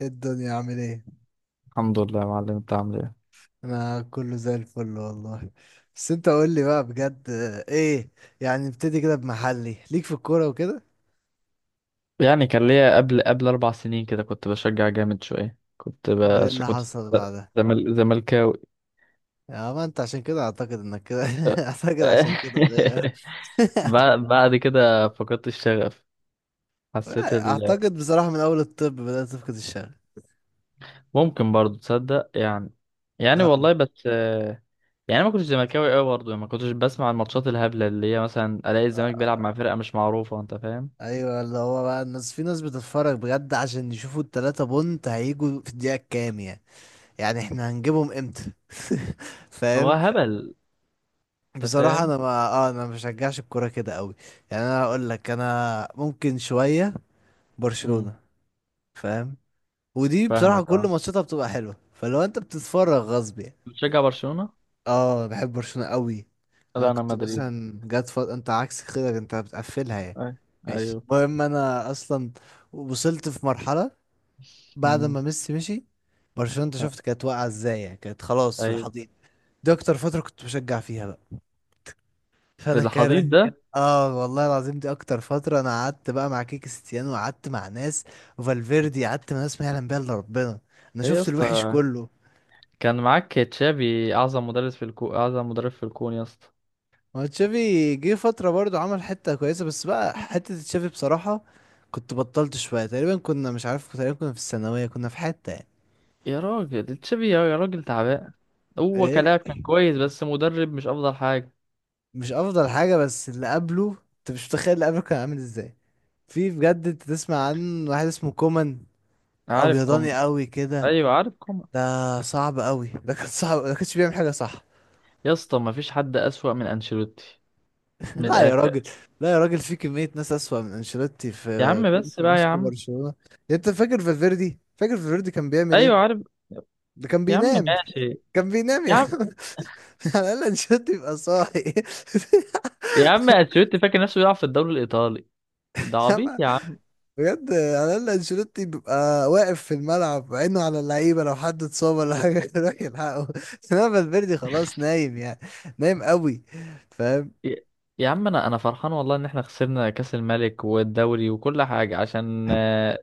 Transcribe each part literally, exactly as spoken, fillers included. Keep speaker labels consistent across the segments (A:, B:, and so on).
A: إيه الدنيا عامل ايه؟
B: الحمد لله يا معلم، انت عامل ايه؟
A: انا كله زي الفل والله. بس انت قول لي بقى بجد، آه، ايه يعني، نبتدي كده بمحلي ليك في الكوره وكده.
B: يعني كان ليا قبل قبل اربع سنين كده كنت بشجع جامد شويه. كنت
A: وايه
B: بش...
A: اللي
B: كنت
A: حصل بعدها؟
B: زمل... زملكاوي.
A: يا ما انت عشان كده اعتقد انك كده اعتقد عشان كده غير.
B: بعد بعد كده فقدت الشغف. حسيت ال...
A: اعتقد بصراحه من اول الطب بدات تفقد الشغف.
B: ممكن برضو تصدق يعني. يعني
A: نعم.
B: والله بس آه، يعني ما كنتش زملكاوي قوي برضو، ما كنتش بسمع الماتشات الهبله اللي هي مثلا الاقي الزمالك بيلعب مع فرقه مش معروفه. انت فاهم؟
A: ايوه اللي هو بقى، الناس في ناس بتتفرج بجد عشان يشوفوا التلاتة بونت هيجوا في الدقيقه الكام يعني، يعني احنا هنجيبهم امتى.
B: هو
A: فاهم.
B: هبل. انت
A: بصراحة
B: فاهم.
A: أنا ما آه أنا ما بشجعش الكورة كده قوي. يعني أنا أقول لك، أنا ممكن شوية
B: امم.
A: برشلونة، فاهم. ودي بصراحة
B: فاهمك
A: كل
B: اه.
A: ماتشاتها بتبقى حلوة، فلو أنت بتتفرج غصب يعني.
B: بتشجع برشلونه.
A: آه بحب برشلونة قوي. أنا
B: لا انا
A: كنت
B: مدريد.
A: مثلا جات فض... أنت عكس كده، أنت بتقفلها يعني.
B: أي-
A: ماشي،
B: ايوه.
A: المهم أنا أصلا وصلت في مرحلة بعد
B: مم.
A: ما ميسي مشي برشلونة، أنت شفت كانت واقعة إزاي يعني، كانت خلاص في
B: ايوه،
A: الحضيض. دي أكتر فترة كنت بشجع فيها بقى،
B: في
A: فانا
B: الحضيض
A: كاره.
B: ده.
A: اه والله العظيم، دي اكتر فتره انا قعدت بقى مع كيك ستيانو، وقعدت مع ناس وفالفيردي، قعدت مع ناس ما يعلم بيها الا ربنا. انا
B: ايه يا
A: شفت الوحش
B: اسطى،
A: كله.
B: كان معاك تشافي، اعظم مدرس في الكون، اعظم مدرب في الكون يا اسطى.
A: ما تشافي جه فتره برضو عمل حته كويسه، بس بقى حته تشافي بصراحه، كنت بطلت شويه تقريبا، كنا مش عارف، تقريبا كنا في الثانويه كنا في حته يعني.
B: يا راجل، تشافي يا يا راجل تعبان. هو
A: ايه،
B: كلاعب كان كويس، بس مدرب مش افضل حاجه.
A: مش افضل حاجه، بس اللي قبله انت مش متخيل اللي قبله كان عامل ازاي. في بجد، انت تسمع عن واحد اسمه كومان،
B: عارف كومان.
A: ابيضاني قوي كده.
B: ايوه عارف كومان.
A: ده صعب قوي، ده كان صعب، ده كانش بيعمل حاجه صح.
B: يا اسطى، ما فيش حد اسوأ من انشيلوتي. من
A: لا يا راجل.
B: الاخر.
A: لا يا راجل، في كميه ناس اسوأ من انشيلوتي، في
B: يا عم،
A: جون
B: بس بقى يا
A: فيسكو
B: عم.
A: برشلونه. انت فاكر فالفيردي، فاكر فالفيردي كان بيعمل
B: ايوه
A: ايه؟
B: عارف.
A: ده كان
B: يا عم
A: بينام.
B: ماشي.
A: كان بينام
B: يا
A: يعني.
B: عم.
A: على الاقل انشيلوتي يبقى صاحي.
B: يا عم انشيلوتي فاكر نفسه بيلعب في الدوري الايطالي. ده عبيط
A: ياما،
B: يا عم.
A: بجد على الاقل انشيلوتي بيبقى واقف في الملعب، عينه على اللعيبه لو حد اتصاب ولا حاجه يروح يلحقه. انما فالفيردي خلاص نايم يعني. نايم قوي. فاهم.
B: يا يا عم انا انا فرحان والله ان احنا خسرنا كاس الملك والدوري وكل حاجه عشان آه،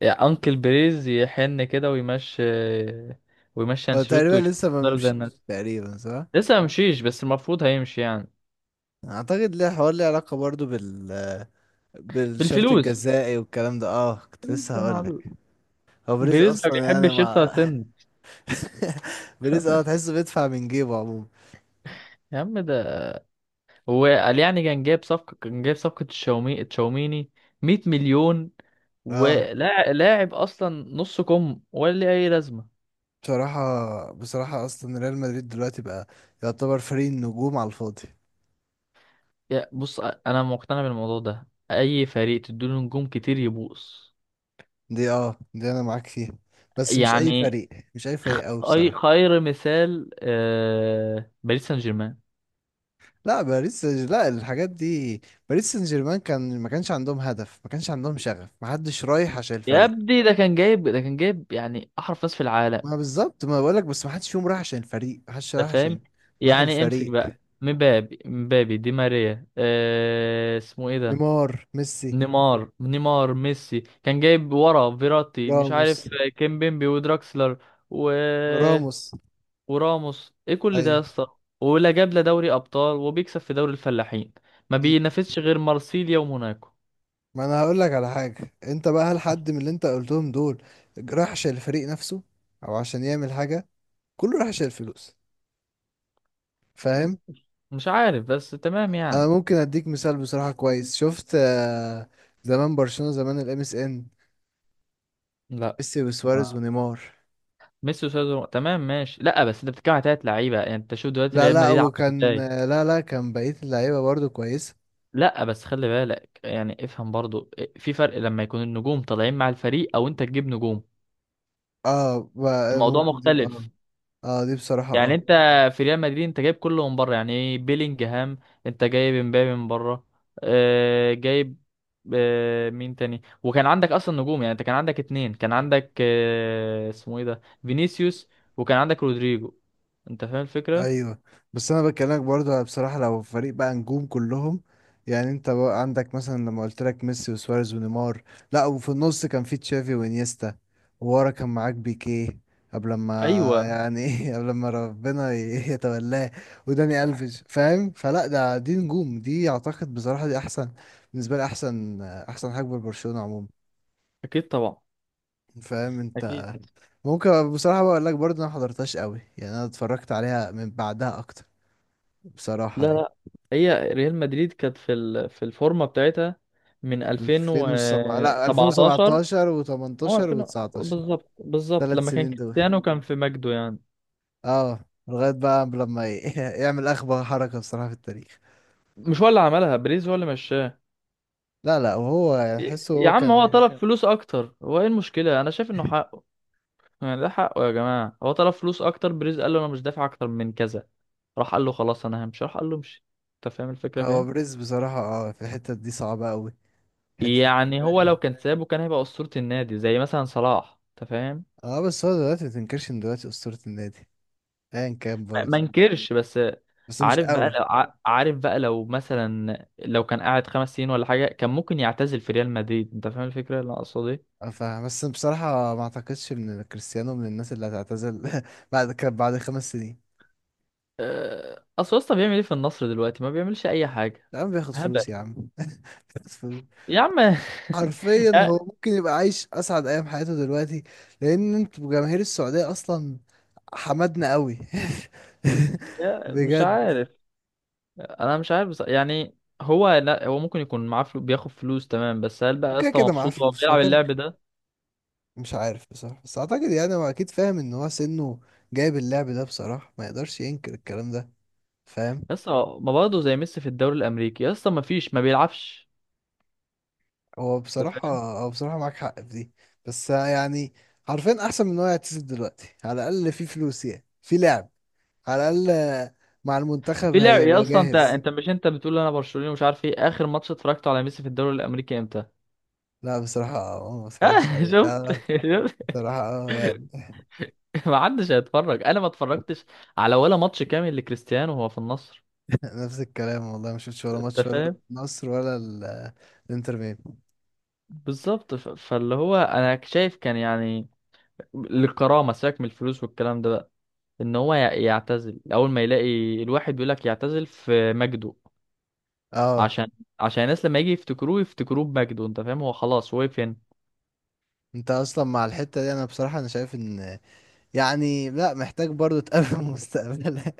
B: يا انكل بريز يحن كده ويمشي، آه، ويمشي
A: هو تقريبا
B: انشيلوتي ويشوف
A: لسه ما
B: إدارة زي
A: مشيش.
B: الناس.
A: تقريبا صح.
B: لسه ممشيش بس المفروض هيمشي يعني.
A: اعتقد ليه حوار، ليه علاقه برضو بال بالشرط
B: بالفلوس.
A: الجزائي والكلام ده، اه كنت
B: فلوس
A: لسه
B: يا
A: هقول لك.
B: معلم.
A: هو بريز
B: بريز ما
A: اصلا يعني
B: بيحبش يخسر
A: مع،
B: سن.
A: بريز اه تحسه بيدفع من جيبه عموما.
B: يا عم ده، هو قال يعني كان جايب صفقه كان جايب صفقه تشاومي تشاوميني، 100 مليون.
A: اه
B: ولاعب لاعب اصلا، نص كم، ولا ليه اي لازمه.
A: بصراحه بصراحه اصلا ريال مدريد دلوقتي بقى يعتبر فريق النجوم على الفاضي.
B: يا بص، انا مقتنع بالموضوع ده، اي فريق تديله نجوم كتير يبوظ.
A: دي اه، دي انا معاك فيها، بس مش اي
B: يعني
A: فريق، مش اي فريق قوي
B: اي
A: بصراحه.
B: خير مثال، آه، باريس سان جيرمان.
A: لا باريس سان- لا، الحاجات دي، باريس سان جيرمان كان ما كانش عندهم هدف، ما كانش عندهم شغف، ما حدش رايح عشان
B: يا
A: الفريق.
B: ابني ده كان جايب ده كان جايب يعني احرف ناس في العالم.
A: ما بالظبط ما بقولك، بس ما حدش فيهم رايح عشان الفريق، ما حدش
B: انت
A: رايح عشان
B: فاهم.
A: روح
B: يعني امسك
A: الفريق.
B: بقى مبابي مبابي دي ماريا، آه، اسمه ايه ده،
A: نيمار ميسي.
B: نيمار نيمار، ميسي، كان جايب ورا فيراتي مش
A: راموس.
B: عارف، كيمبيمبي ودراكسلر، و
A: راموس.
B: وراموس، ايه كل ده يا
A: ايوه.
B: اسطى؟ ولا جاب لا دوري ابطال، وبيكسب في دوري الفلاحين، ما
A: مم.
B: بينافسش غير مارسيليا وموناكو.
A: ما انا هقول لك على حاجه انت بقى، هل حد من اللي انت قلتهم دول رايح عشان الفريق نفسه، او عشان يعمل حاجه؟ كله رايح عشان الفلوس،
B: م-
A: فاهم.
B: مش عارف بس تمام
A: انا
B: يعني.
A: ممكن اديك مثال بصراحه كويس، شفت، آه، زمان برشلونه زمان، الام اس ان،
B: لا،
A: ميسي
B: ما-
A: وسواريز ونيمار.
B: ميسي وسيزر تمام ماشي. لا بس انت بتتكلم على تلات لعيبه، يعني انت شوف دلوقتي
A: لا
B: ريال
A: لا،
B: مدريد عامل
A: وكان،
B: ازاي.
A: لا لا، كان بقية اللعيبة برضو كويسة.
B: لا بس خلي بالك يعني، افهم برضو إيه، في فرق لما يكون النجوم طالعين مع الفريق، او انت تجيب نجوم.
A: اه ب-
B: الموضوع
A: ممكن دي اه.
B: مختلف.
A: اه دي بصراحة
B: يعني
A: اه.
B: انت في ريال مدريد انت جايب كله من بره. يعني ايه بيلينجهام، انت جايب امبابي من بره. اه جايب. اه مين تاني، وكان عندك اصلا نجوم، يعني انت كان عندك اتنين، كان عندك اه اسمه ايه ده فينيسيوس، وكان عندك رودريجو. انت فاهم الفكرة.
A: ايوه، بس انا بكلمك برضه بصراحه، لو فريق بقى نجوم كلهم، يعني انت بقى عندك مثلا لما قلت لك ميسي وسواريز ونيمار، لا وفي النص كان في تشافي وانيستا، وورا كان معاك بيكيه قبل ما
B: ايوه.
A: يعني، ايه قبل ما ربنا ي- يتولاه، وداني الفيش، فاهم. فلا ده، دي نجوم، دي اعتقد بصراحه دي احسن بالنسبه لي، احسن احسن حاجه برشلونه عموما،
B: اكيد طبعا.
A: فاهم انت.
B: اكيد.
A: ممكن بصراحه بقول لك برضه انا ما حضرتهاش قوي يعني، انا اتفرجت عليها من بعدها اكتر بصراحه
B: لا
A: يعني.
B: لا. هي ريال مدريد كانت في ال- في الفورمه بتاعتها من
A: ألفين وسبعة لا،
B: ألفين وسبعة عشر.
A: ألفين وسبعتاشر
B: هو
A: و18
B: ألفين،
A: و19،
B: بالظبط بالظبط
A: ثلاث
B: لما كان
A: سنين دول
B: كريستيانو كان في مجده يعني.
A: اه. لغاية بقى لما ي- يعمل أخبى حركة بصراحة في التاريخ.
B: مش هو اللي عملها، بريز هو اللي مشاه.
A: لا لا، وهو يعني
B: يا
A: أحسه
B: يا
A: هو
B: عم
A: كان
B: هو طلب
A: عايز-
B: فلوس اكتر. هو ايه المشكله؟ انا شايف انه حقه. يعني ده حقه يا جماعه. هو طلب فلوس اكتر، بريز قال له انا مش دافع اكتر من كذا، راح قال له خلاص انا همشي، راح قال له امشي. انت فاهم الفكره
A: هو
B: فين؟
A: بريز بصراحة اه في الحتة دي صعبة أوي، حتة.
B: يعني هو لو كان سابه كان هيبقى اسطوره النادي زي مثلا صلاح. انت فاهم.
A: اه بس هو دلوقتي متنكرش إن دلوقتي أسطورة النادي أيا كان
B: ما ما
A: برضه،
B: انكرش بس.
A: بس مش
B: عارف بقى
A: قوي.
B: لو ع- عارف بقى لو مثلا لو كان قاعد خمس سنين ولا حاجه، كان ممكن يعتزل في ريال مدريد. انت فاهم الفكره اللي انا اقصد ايه؟
A: اه فاهم، بس بصراحة ما أعتقدش إن كريستيانو من الناس اللي هتعتزل بعد كان بعد خمس سنين.
B: أه، اصل يا اسطى بيعمل ايه في النصر دلوقتي؟ ما بيعملش اي حاجه.
A: يا عم بياخد
B: هبل.
A: فلوس يا عم، بياخد فلوس.
B: يا عم.
A: حرفيا هو
B: يا
A: ممكن يبقى عايش اسعد ايام حياته دلوقتي، لان انتوا جماهير السعوديه اصلا حمدنا قوي.
B: يا مش
A: بجد.
B: عارف. انا مش عارف بص... يعني. هو لا هو ممكن يكون معاه فلو... بياخد فلوس تمام، بس هل بقى يا
A: وكده
B: اسطى
A: كده معاه
B: مبسوط وهو
A: فلوس، هو
B: بيلعب
A: كان.
B: اللعب ده؟
A: مش عارف بصراحه، بس اعتقد يعني هو اكيد فاهم ان هو سنه جايب اللعب ده بصراحه، ما يقدرش ينكر الكلام ده، فاهم.
B: يا اسطى ما برضه زي ميسي في الدوري الامريكي، يا اسطى ما فيش، ما بيلعبش.
A: هو
B: انت
A: بصراحه
B: فاهم.
A: هو بصراحه معاك حق في دي، بس يعني حرفيا احسن من ان هو يعتزل دلوقتي، على الاقل في فلوس، يعني في لعب، على الاقل مع المنتخب
B: في لعب يا
A: هيبقى
B: اسطى، انت
A: جاهز.
B: انت مش انت بتقول انا برشلوني ومش عارف ايه، اخر ماتش اتفرجته على ميسي في الدوري الامريكي امتى؟
A: لا بصراحة، آه، ما اتفرجش
B: آه.
A: عليه
B: شفت؟
A: اه.
B: شفت؟
A: بصراحة اه يعني.
B: ما حدش هيتفرج، انا ما اتفرجتش على ولا ماتش كامل لكريستيانو وهو في النصر.
A: نفس الكلام والله، ما شفتش ولا
B: انت
A: ماتش، ولا
B: فاهم.
A: النصر ولا ال- الانتر ميامي
B: بالظبط، ف- فاللي هو انا شايف كان يعني للكرامه، سيبك من الفلوس والكلام ده بقى، ان هو ي- يعتزل اول ما يلاقي الواحد بيقول لك يعتزل في مجده،
A: اه.
B: عشان عشان الناس لما يجي يفتكروه يفتكروه بمجده. انت فاهم. هو خلاص وقف هنا.
A: انت اصلا مع الحتة دي، انا بصراحة انا شايف ان يعني، لا محتاج برضو تقابل مستقبلها،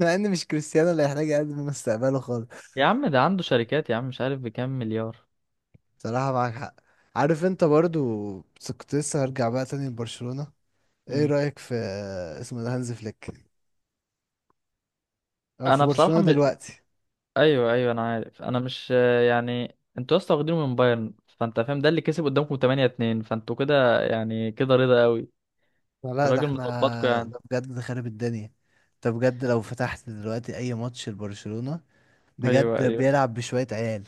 A: مع ان مش كريستيانو اللي هيحتاج يقدم مستقبله خالص.
B: يا عم ده عنده شركات يا عم، مش عارف بكام مليار.
A: بصراحة معاك حق، عارف انت برضو. بس كنت لسه هرجع بقى تاني لبرشلونة. ايه
B: مم.
A: رأيك في، آه، اسمه ده هانز فليك، او في
B: انا بصراحه
A: برشلونة
B: م...
A: دلوقتي؟
B: ايوه ايوه انا عارف. انا مش يعني، انتوا اصلا واخدينه من بايرن، فانت فاهم، ده اللي كسب قدامكم تمانية اتنين، فانتوا كده يعني كده رضا قوي.
A: لا ده
B: الراجل مظبطكم
A: احنا
B: يعني.
A: ده بجد خارب الدنيا. انت بجد لو فتحت دلوقتي اي ماتش لبرشلونة
B: ايوه
A: بجد،
B: ايوه.
A: بيلعب بشوية عيال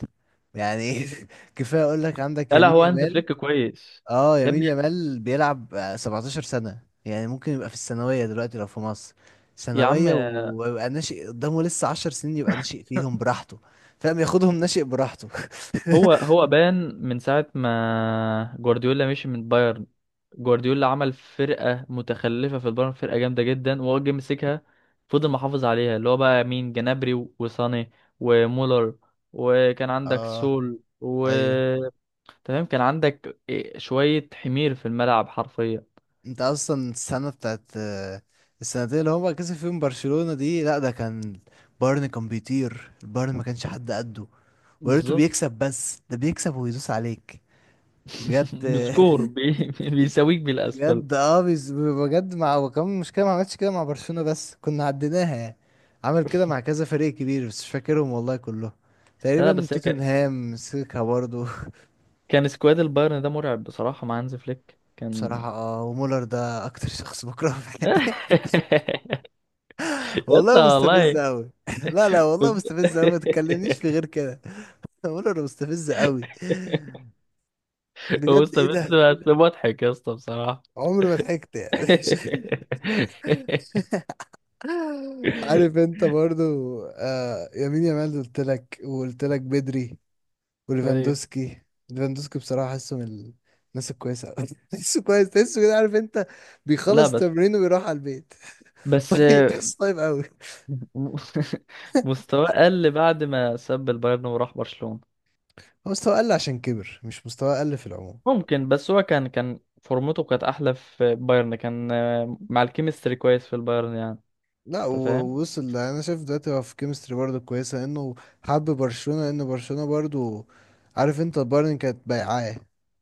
A: يعني. ايه. كفاية اقول لك عندك
B: لا لا،
A: يمين
B: هو هانز
A: يامال.
B: فليك كويس.
A: اه
B: يا
A: يمين
B: ابني.
A: يامال بيلعب آه، 17 سنة، يعني ممكن يبقى في الثانوية دلوقتي لو في مصر،
B: يا عم.
A: ثانوية، ويبقى ناشئ قدامه لسه 10 سنين، يبقى ناشئ فيهم براحته، فاهم، ياخدهم ناشئ براحته.
B: هو هو بان من ساعة ما جوارديولا مشي من بايرن. جوارديولا عمل فرقة متخلفة في البايرن، فرقة جامدة جدا، وهو جه مسكها، فضل محافظ عليها اللي هو بقى مين، جنابري وساني ومولر، وكان عندك
A: اه.
B: سول و
A: ايوه.
B: تمام، كان عندك إيه شوية حمير في الملعب حرفيا.
A: انت اصلا السنه بتاعت، آه، السنتين اللي هو كسب فيهم برشلونه دي، لا ده كان بايرن كان بيطير، البايرن ما كانش حد قده. ويا ريته
B: بالظبط.
A: بيكسب بس، ده بيكسب ويدوس عليك بجد.
B: بسكور بي... بيساويك بالأسفل.
A: بجد اه بيز- بجد مع، وكمان مشكله ما عملتش كده مع برشلونه بس كنا عديناها يعني، عمل كده مع كذا فريق كبير بس مش فاكرهم والله كلهم،
B: لا لا
A: تقريبا
B: بس، هي ك-
A: توتنهام مسكها برضه.
B: كان سكواد البايرن ده مرعب بصراحة، مع هانز فليك كان.
A: بصراحه اه، ومولر ده اكتر شخص بكرهه في الحياة.
B: يا اسطى
A: والله
B: والله.
A: مستفزة أوي. لا لا، والله مستفزة أوي، ما تتكلمنيش في غير كده. بقول أنا مستفزة أوي بجد، إيه
B: مستفز.
A: ده.
B: بس مضحك يا اسطى بصراحة.
A: عمري ما ضحكت يعني. عارف أنت برضو. آه يمين يامال قلت لك، وقلت لك بدري،
B: ايوه.
A: وليفاندوسكي. ليفاندوسكي بصراحة حاسه من الناس الكويسة أوي، تحسه كويس، تحسه كده، عارف أنت،
B: لا
A: بيخلص
B: بس
A: التمرين وبيروح على البيت.
B: بس.
A: طيب، تحسه طيب أوي.
B: مستواه قل بعد ما ساب البايرن وراح برشلونة.
A: هو مستواه قل عشان كبر، مش مستواه قل في العموم.
B: ممكن، بس هو كان كان فورمته كانت احلى في بايرن، كان آه، مع الكيمستري كويس في البايرن يعني.
A: لا و-
B: انت فاهم.
A: ووصل. انا شايف دلوقتي هو في كيمستري برضه كويسه، انه حب برشلونه، ان برشلونه برضه، عارف انت، البايرن كانت بيعاه،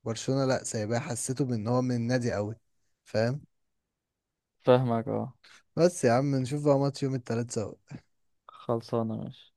A: برشلونه لا سايباه، حسيته بان هو من النادي قوي، فاهم.
B: فاهمك اه.
A: بس يا عم نشوف بقى ماتش يوم التلات سوا.
B: خلصانة ماشي.